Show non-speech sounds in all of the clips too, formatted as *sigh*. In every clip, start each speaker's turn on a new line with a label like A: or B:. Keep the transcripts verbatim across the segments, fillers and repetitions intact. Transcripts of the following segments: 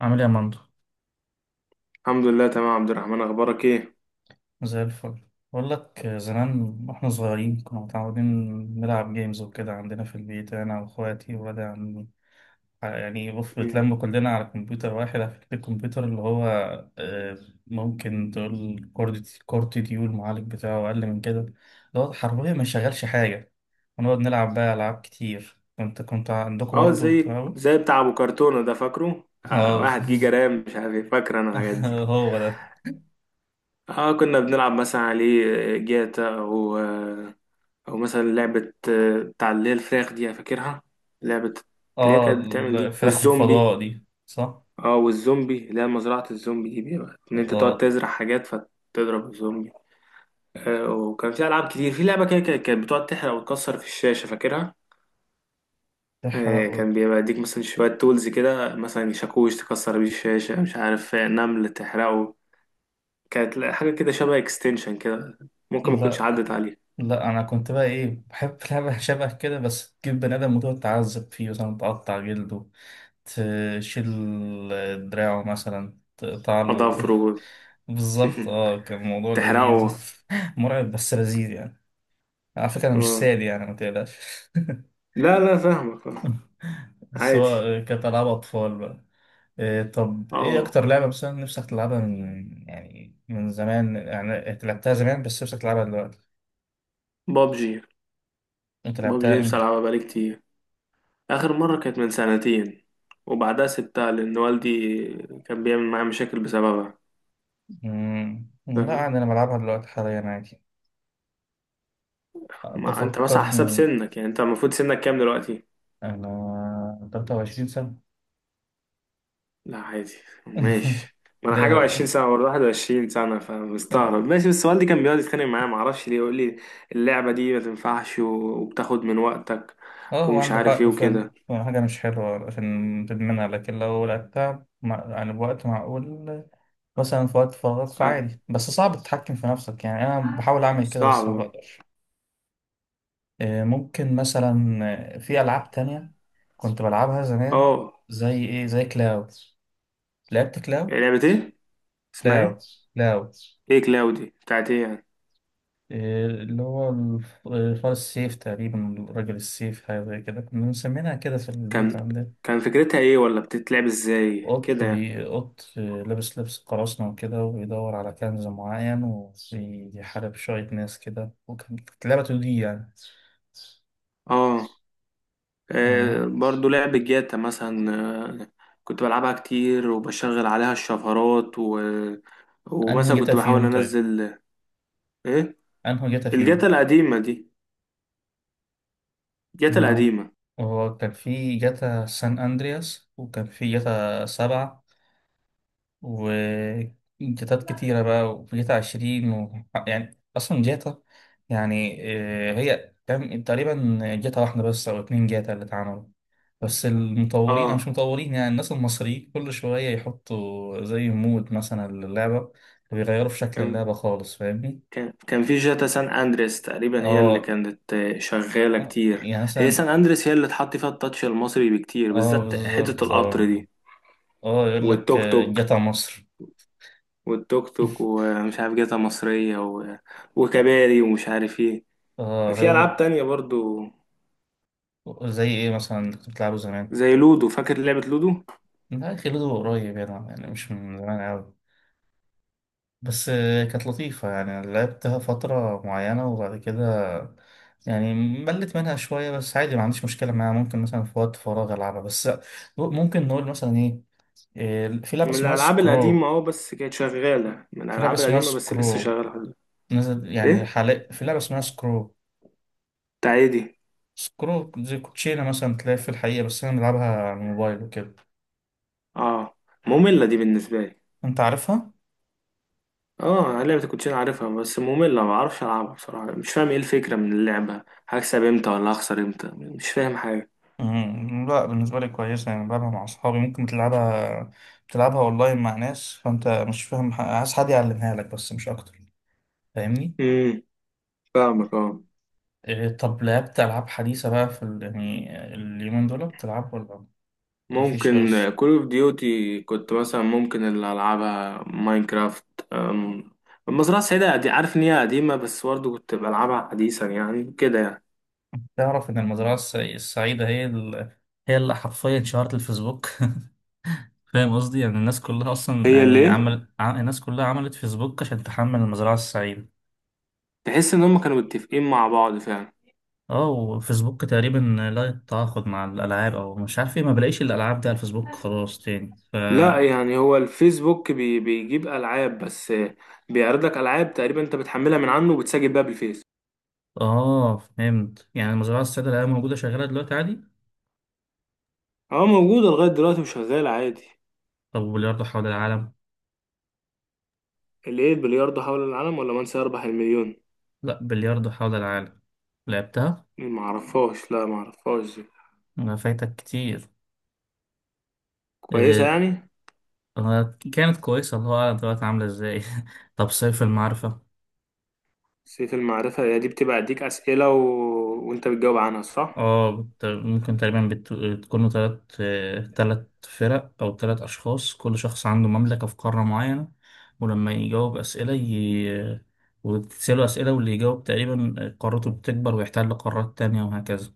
A: عامل ايه يا مندو؟
B: الحمد لله، تمام يا عبد الرحمن. اخبارك ايه؟
A: زي الفل. بقول لك، آه، زمان واحنا صغيرين كنا متعودين نلعب جيمز وكده عندنا في البيت انا واخواتي وولاد عمي. يعني بص،
B: مم.
A: بنتلم كلنا على كمبيوتر واحد. على فكرة الكمبيوتر اللي هو آه، ممكن تقول كورت كورت ديو، المعالج بتاعه اقل من كده، اللي هو حرفيا ما شغالش حاجة. ونقعد نلعب بقى العاب كتير. كنت كنت عندكم
B: اه،
A: برضه
B: زي
A: بتاعه.
B: زي بتاع ابو كرتونه ده، فاكره؟ آه
A: اه.
B: واحد جيجا رام، مش عارف ايه. فاكر انا الحاجات
A: *laughs*
B: دي.
A: هو ده.
B: اه، كنا بنلعب مثلا عليه آه، جاتا، او آه، او مثلا لعبه آه، بتاع اللي هي الفراخ دي، فاكرها؟ لعبه اللي هي
A: اه
B: كانت بتعمل دي
A: الفراخ
B: والزومبي.
A: والفضاء دي، صح.
B: اه، والزومبي اللي هي مزرعه الزومبي دي، بيبقى ان انت تقعد
A: اه.
B: تزرع حاجات فتضرب الزومبي. آه وكان في العاب كتير. في لعبه كده كانت كانت بتقعد تحرق وتكسر في الشاشه، فاكرها؟ آه،
A: تحرقه.
B: كان بيبقى يديك مثلا شوية تولز كده، مثلا شاكوش تكسر بيه الشاشة، مش عارف آه، نمل تحرقه. كانت لا- حاجة كده شبه اكستنشن كده. ممكن ما تكونش
A: لا
B: عدت عليه.
A: لا انا كنت بقى ايه، بحب *laughs* لعبة شبه كده، بس تجيب بني ادم وتقعد تعذب فيه، مثلا تقطع جلده، تشيل دراعه، مثلا تقطع له
B: أظافره.
A: *laughs* بالظبط،
B: *laughs*
A: اه كان الموضوع لذيذ.
B: تحرقه.
A: *laughs* مرعب بس لذيذ يعني. على فكرة انا مش
B: آه.
A: سادي يعني، ما تقلقش.
B: لا لا، فاهمك. آه،
A: *laughs* بس
B: عادي.
A: هو كانت ألعاب أطفال بقى. إيه، طب إيه
B: اه
A: أكتر لعبة مثلا نفسك تلعبها من، يعني من زمان، يعني أنت لعبتها زمان بس نفسك تلعبها دلوقتي؟
B: بابجي.
A: أنت
B: بابجي
A: لعبتها
B: نفسي
A: إمتى؟
B: ألعبها بقالي كتير. آخر مرة كانت من سنتين، وبعدها سبتها لأن والدي كان بيعمل معايا مشاكل بسببها.
A: مم. لا
B: فاهم.
A: عادي، أنا بلعبها دلوقتي حاليا عادي.
B: ما أنت مثلا على حسب
A: بفكرني.
B: سنك، يعني أنت المفروض سنك كام دلوقتي؟
A: أنا ثلاثة وعشرين سنة.
B: لا عادي.
A: *laughs*
B: ماشي. ما انا
A: ليه
B: حاجه و20
A: هو؟
B: سنه، برضه واحد وعشرين سنه، فمستغرب. ماشي، بس والدي كان بيقعد يتخانق معايا ما اعرفش ليه، يقول لي اللعبه دي ما تنفعش و- وبتاخد من وقتك
A: اه هو
B: ومش
A: عنده
B: عارف ايه
A: حق فعلا،
B: وكده.
A: هو حاجة مش حلوة عشان تدمنها، لكن لو لعبتها مع، يعني بوقت معقول، مثلا في وقت فراغ
B: آه.
A: فعادي. بس صعب تتحكم في نفسك، يعني أنا بحاول أعمل كده بس ما
B: صعبه.
A: بقدرش. آه، ممكن مثلا آه، في ألعاب تانية كنت بلعبها زمان.
B: اه.
A: زي إيه؟ زي كلاو. لعبت
B: إيه،
A: كلاو؟
B: لعبه ايه؟ اسمها
A: كلاو.
B: ايه؟
A: كلاو.
B: ايه كلاودي بتاعت ايه يعني؟
A: إيه اللي هو الف- فار السيف، تقريبا راجل السيف، حاجة زي كده كنا مسمينها كده في البيت
B: كان
A: عندنا.
B: كان فكرتها ايه، ولا بتتلعب ازاي
A: قط
B: كده يعني؟
A: بي قط لابس لبس قراصنة وكده، وبيدور على كنز معين وبيحارب شوية ناس كده، وكانت لعبة تو دي يعني.
B: اه. آه،
A: اه.
B: برضو لعب الجاتا مثلا. آه، كنت بلعبها كتير وبشغل عليها الشفرات و...
A: انهي
B: ومثلا
A: جتا
B: كنت بحاول
A: فيهم طيب؟
B: انزل. ايه؟
A: انهي جتا
B: الجاتا
A: فيهم؟
B: القديمة دي. الجاتا
A: ما هو،
B: القديمة.
A: هو كان في جتا سان اندرياس، وكان في جتا سبعة، وجيتات كتيرة بقى، وجيتا عشرين و... يعني أصلا جيتا يعني آه، هي كم- تقريبا جيتا واحدة بس أو اتنين جيتا اللي اتعملوا، بس المطورين أو مش
B: اه.
A: مطورين، يعني الناس المصريين كل شوية يحطوا زي مود مثلا للعبة، ويغيروا في شكل
B: كان
A: اللعبة خالص. فاهمني؟
B: كان كان في جاتا سان اندريس، تقريبا هي اللي
A: اه
B: كانت آه، شغالة كتير.
A: يعني
B: هي
A: مثلا.
B: سان اندريس هي اللي اتحط فيها التاتش المصري بكتير،
A: اه
B: بالذات حتة
A: بالظبط
B: القطر
A: اه.
B: دي.
A: اه يقول لك
B: والتوك
A: آه،
B: توك.
A: جيتا مصر.
B: والتوك توك
A: *laughs*
B: ومش عارف جاتا مصرية و... وكباري ومش عارف ايه.
A: اه
B: في
A: هو.
B: ألعاب تانية برضو،
A: زي ايه مثلا اللي كنت بتلعبه زمان؟
B: زي لودو. فاكر لعبة لودو؟
A: لا خلوده قريب يعني، يعني مش من زمان أوي، بس آه، كانت لطيفة يعني، لعبتها فترة معينة وبعد كده يعني ملت منها شوية، بس عادي ما عنديش مشكلة معاها، ممكن مثلا في وقت فراغ ألعبها. بس ممكن نقول مثلا إيه، آه، في لعبة
B: من
A: اسمها
B: الألعاب القديمة،
A: سكرو
B: اه. بس كانت شغالة، من
A: في لعبة
B: الألعاب
A: اسمها
B: القديمة بس لسه
A: سكرو
B: شغالة لحد دلوقتي.
A: نزل يعني
B: إيه.
A: حاليا في لعبة اسمها سكرو.
B: بتاع إيه دي؟
A: سكرو زي كوتشينة مثلا، تلاقي في الحقيقة، بس أنا بلعبها على الموبايل وكده.
B: اه، مملة دي بالنسبة لي.
A: أنت عارفها؟
B: اه، لعبة الكوتشينة عارفها بس مملة، ما بعرفش ألعبها بصراحة. مش فاهم إيه الفكرة من اللعبة، هكسب إمتى ولا هخسر إمتى، مش فاهم حاجة.
A: مم، لا بالنسبة لي كويسة، يعني بلعبها مع أصحابي. ممكن تلعبها تلعبها أونلاين مع ناس. فأنت مش فاهم، ح- عايز حد يعلمها لك بس، مش أكتر. فاهمني؟
B: امم. فاهمك، اه.
A: إيه، طب لعبت ألعاب حديثة بقى في ال... يعني اليومين دول بتلعب ولا مفيش
B: ممكن
A: خالص؟
B: كول اوف ديوتي كنت مثلا، ممكن اللي ألعبها ماينكرافت. أم، المزرعة السعيدة دي عارف إن هي قديمة، بس برضه كنت بلعبها حديثا، يعني كده يعني.
A: تعرف إن المزرعة الس- السعيدة هي ال... هي اللي حرفيا شهرت الفيسبوك. *laughs* فاهم قصدي؟ يعني الناس كلها أصلا،
B: هي اللي
A: يعني
B: ايه؟
A: عمل ع- الناس كلها عملت فيسبوك عشان تحمل المزرعة السعيدة.
B: تحس ان هم كانوا متفقين مع بعض فعلا.
A: اه وفيسبوك تقريبا لا يتعاقد مع الالعاب، او مش عارف ايه، ما بلاقيش الالعاب دي على الفيسبوك خلاص تاني ف...
B: لا، يعني هو الفيسبوك بي بيجيب العاب بس، بيعرض لك العاب تقريبا انت بتحملها من عنه وبتسجل بيها بالفيس.
A: اه فهمت، يعني المزرعه السعيده اللي هي موجوده شغاله دلوقتي عادي.
B: اه، موجوده لغايه دلوقتي وشغاله عادي.
A: طب وبلياردو حول العالم؟
B: اللي ايه؟ البلياردو حول العالم ولا من سيربح المليون؟
A: لا بلياردو حول العالم. لعبتها؟
B: ما اعرفهاش، لا ما اعرفهاش دي.
A: ما فايتك كتير.
B: كويسه
A: إيه.
B: يعني؟
A: آه، كانت كويسه، الله اعلم دلوقتي عامله ازاي. *laughs* طب سيف المعرفه؟
B: سيف المعرفه، هي دي بتبقى اديك اسئله و... وانت بتجاوب عنها، صح؟
A: اه بت- ممكن تقريبا بت- بتكونوا تلات تلات فرق أو تلات أشخاص، كل شخص عنده مملكة في قارة معينة، ولما يجاوب أسئلة ي... وتسأله أسئلة، واللي يجاوب تقريبا قارته بتكبر ويحتل قارات تانية، وهكذا.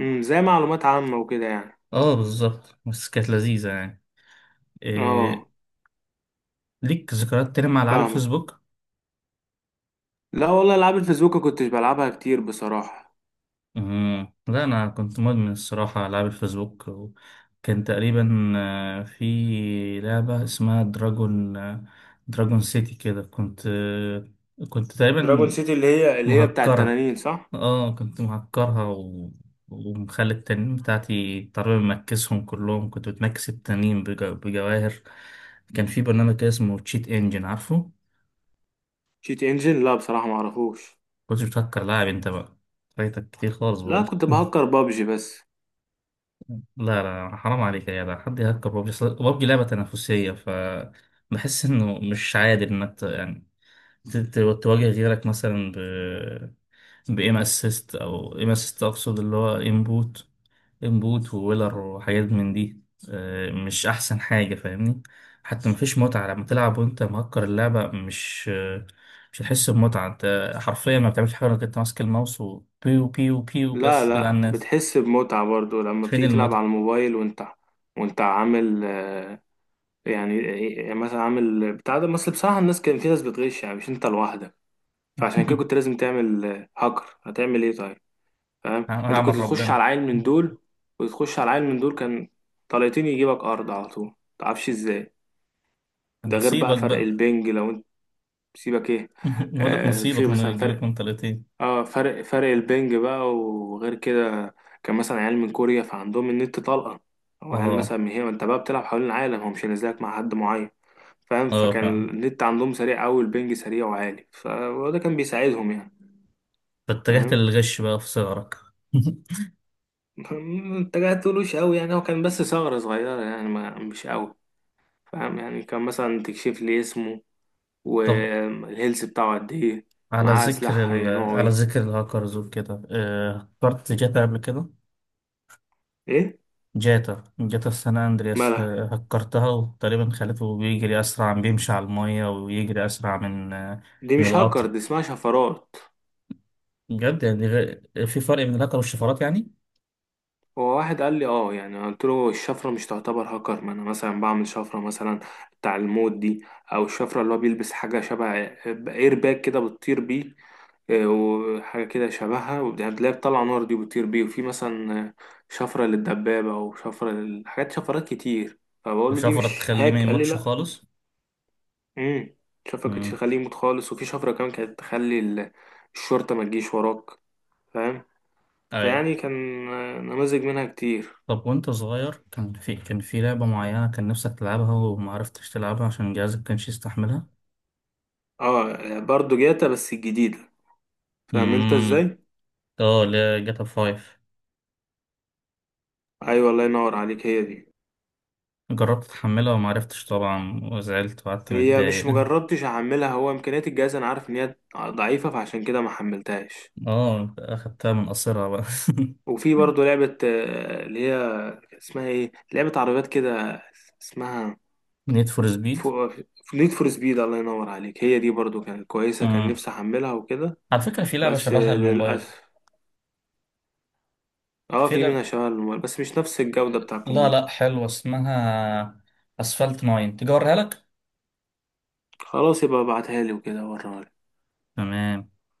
B: امم، زي معلومات عامه وكده يعني.
A: اه بالظبط، بس كانت لذيذة يعني.
B: اه.
A: إيه... ليك ذكريات تانية مع ألعاب
B: فاهمك.
A: الفيسبوك؟
B: لا والله، العاب الفيسبوك ما كنتش بلعبها كتير بصراحه.
A: مم. لا أنا كنت مدمن الصراحة على ألعاب الفيسبوك، وكان تقريبا آه، في لعبة اسمها دراجون، آه، دراجون سيتي كده. كنت آه، كنت
B: دراجون
A: تقريبا
B: سيتي اللي هي اللي هي بتاع
A: مهكرة.
B: التنانين، صح؟
A: اه كنت مهكرها، و... ومخلي التنين بتاعتي تقريبا مكسهم كلهم، كنت بتمكس التنين بج... بجواهر. كان في برنامج كده اسمه تشيت انجن، عارفه؟
B: شيت انجن؟ لا بصراحة ما اعرفوش.
A: كنت بتهكر، لاعب انت بقى. فايتك كتير خالص
B: لا،
A: بقول.
B: كنت بهكر بابجي بس.
A: لا لا حرام عليك يا جدع، حد يهكر بابجي؟ أصل بابجي لعبة تنافسية، ف بحس انه مش عادل انك ت- يعني ت- ت- تواجه غيرك مثلا ب، بإيم اسيست او إيم اسيست، اقصد اللي هو انبوت انبوت وويلر وحاجات من دي. آه، مش احسن حاجة، فاهمني؟ حتى مفيش متعة لما تلعب وانت مهكر اللعبة. مش آه، مش هتحس بمتعة، انت حرفيا ما بتعملش حاجة غير انك انت ماسك الماوس، وبيو بيو بيو
B: لا
A: بس كده على
B: لا،
A: الناس.
B: بتحس بمتعة برضو لما
A: فين
B: بتيجي تلعب
A: المتعة؟
B: على الموبايل وانت وانت عامل آه، يعني، يعني مثلا عامل بتاع ده. بس بصراحة الناس، كان في ناس بتغش، يعني مش انت لوحدك، فعشان كده كنت
A: *laughs*
B: لازم تعمل آه، هاكر. هتعمل ايه طيب؟ فاهم، انت
A: هعمل
B: كنت تخش على
A: ربنا.
B: عيل من دول وتخش على عيل من دول، كان طليتين يجيبك ارض على طول، متعرفش ازاي. ده غير بقى
A: نصيبك
B: فرق
A: بقى.
B: البنج. لو انت سيبك ايه،
A: *laughs* نقول لك
B: آه، في
A: نصيبك انه
B: مثلا
A: يجيبك
B: فرق.
A: من طليقتين.
B: اه، فرق فرق البنج بقى. وغير كده، كان مثلا عيال من كوريا فعندهم النت طلقة. او عيال
A: اه.
B: مثلا من هنا، انت بقى بتلعب حوالين العالم، هو مش نازلك مع حد معين، فاهم.
A: اه
B: فكان
A: فاهم.
B: النت عندهم سريع قوي، البنج سريع وعالي، ف- وده كان بيساعدهم يعني.
A: فاتجهت
B: فاهم.
A: للغش بقى في صغرك. *laughs*
B: *laughs* انت قاعد تقولوش قوي يعني، هو كان بس ثغرة صغيرة يعني، ما مش قوي. فاهم يعني. كان مثلا تكشف لي اسمه
A: طب
B: والهيلث بتاعه قد ايه،
A: على
B: معاه
A: ذكر
B: سلاح
A: ال...
B: نوعه
A: على
B: ايه.
A: ذكر الهاكرز وكده، آه، هكرت جاتا قبل كده؟
B: ايه
A: جاتا جاتا سان اندرياس،
B: مالها؟
A: ه- هكرتها وتقريبا خليته بيجري اسرع، بيمشي على المية، ويجري اسرع من آه،
B: دي
A: من
B: مش
A: القطر.
B: هاكر، دي اسمها شفرات.
A: بجد، يعني غ- في فرق بين الهاكر والشفرات يعني.
B: هو واحد قال لي اه، يعني قلت له الشفرة مش تعتبر هاكر. ما انا مثلا بعمل شفرة، مثلا بتاع الموت دي، او الشفرة اللي هو بيلبس حاجة شبه اير باك كده بتطير بيه. آه، وحاجة كده شبهها، وبتلاقيها بتطلع نار دي، بتطير بيه. وفي مثلا آه، شفرة للدبابة، او شفرة لل- حاجات، شفرات كتير. فبقول له دي
A: وشفرة
B: مش
A: تخليه ما
B: هاك، قال لي
A: يموتش
B: لا.
A: خالص.
B: امم. شفرة كانت
A: مم.
B: تخليه يموت خالص. وفي شفرة كمان كانت تخلي ال- الشرطة ما تجيش وراك، فاهم.
A: ايوه.
B: فيعني كان نماذج منها كتير.
A: طب وانت صغير كان في كان في لعبة معينة كان نفسك تلعبها وما عرفتش تلعبها عشان جهازك كانش يستحملها؟
B: اه برضو جاتا، بس الجديدة. فاهم انت
A: امم.
B: ازاي؟
A: اه لا، جاتا فايف.
B: ايوه الله ينور عليك، هي دي.
A: جربت تحملها وما عرفتش طبعا، وزعلت وقعدت
B: هي
A: متضايق.
B: مش
A: *laughs*
B: مجربتش احملها، هو امكانيات الجهاز انا عارف ان هي ضعيفة، فعشان كده ما حملتهاش.
A: اه اخدتها من قصرها بقى. *laughs*
B: وفي برضو لعبة آه، اللي هي اسمها ايه، لعبة عربيات كده، اسمها
A: نيد فور سبيد.
B: فو... نيد فور سبيد. الله ينور عليك، هي دي برضو كانت كويسة، كان
A: امم.
B: نفسي احملها وكده.
A: على فكرة في لعبة
B: بس
A: شبهها
B: آه،
A: للموبايل.
B: للأسف. اه،
A: في
B: في منها
A: لعبة،
B: شغل، بس مش نفس الجودة بتاع
A: لا لا
B: الكمبيوتر.
A: حلوة، اسمها، اسفلت ناين، تيجي اوريها لك؟
B: خلاص، يبقى ابعتها لي وكده ورا.
A: تمام.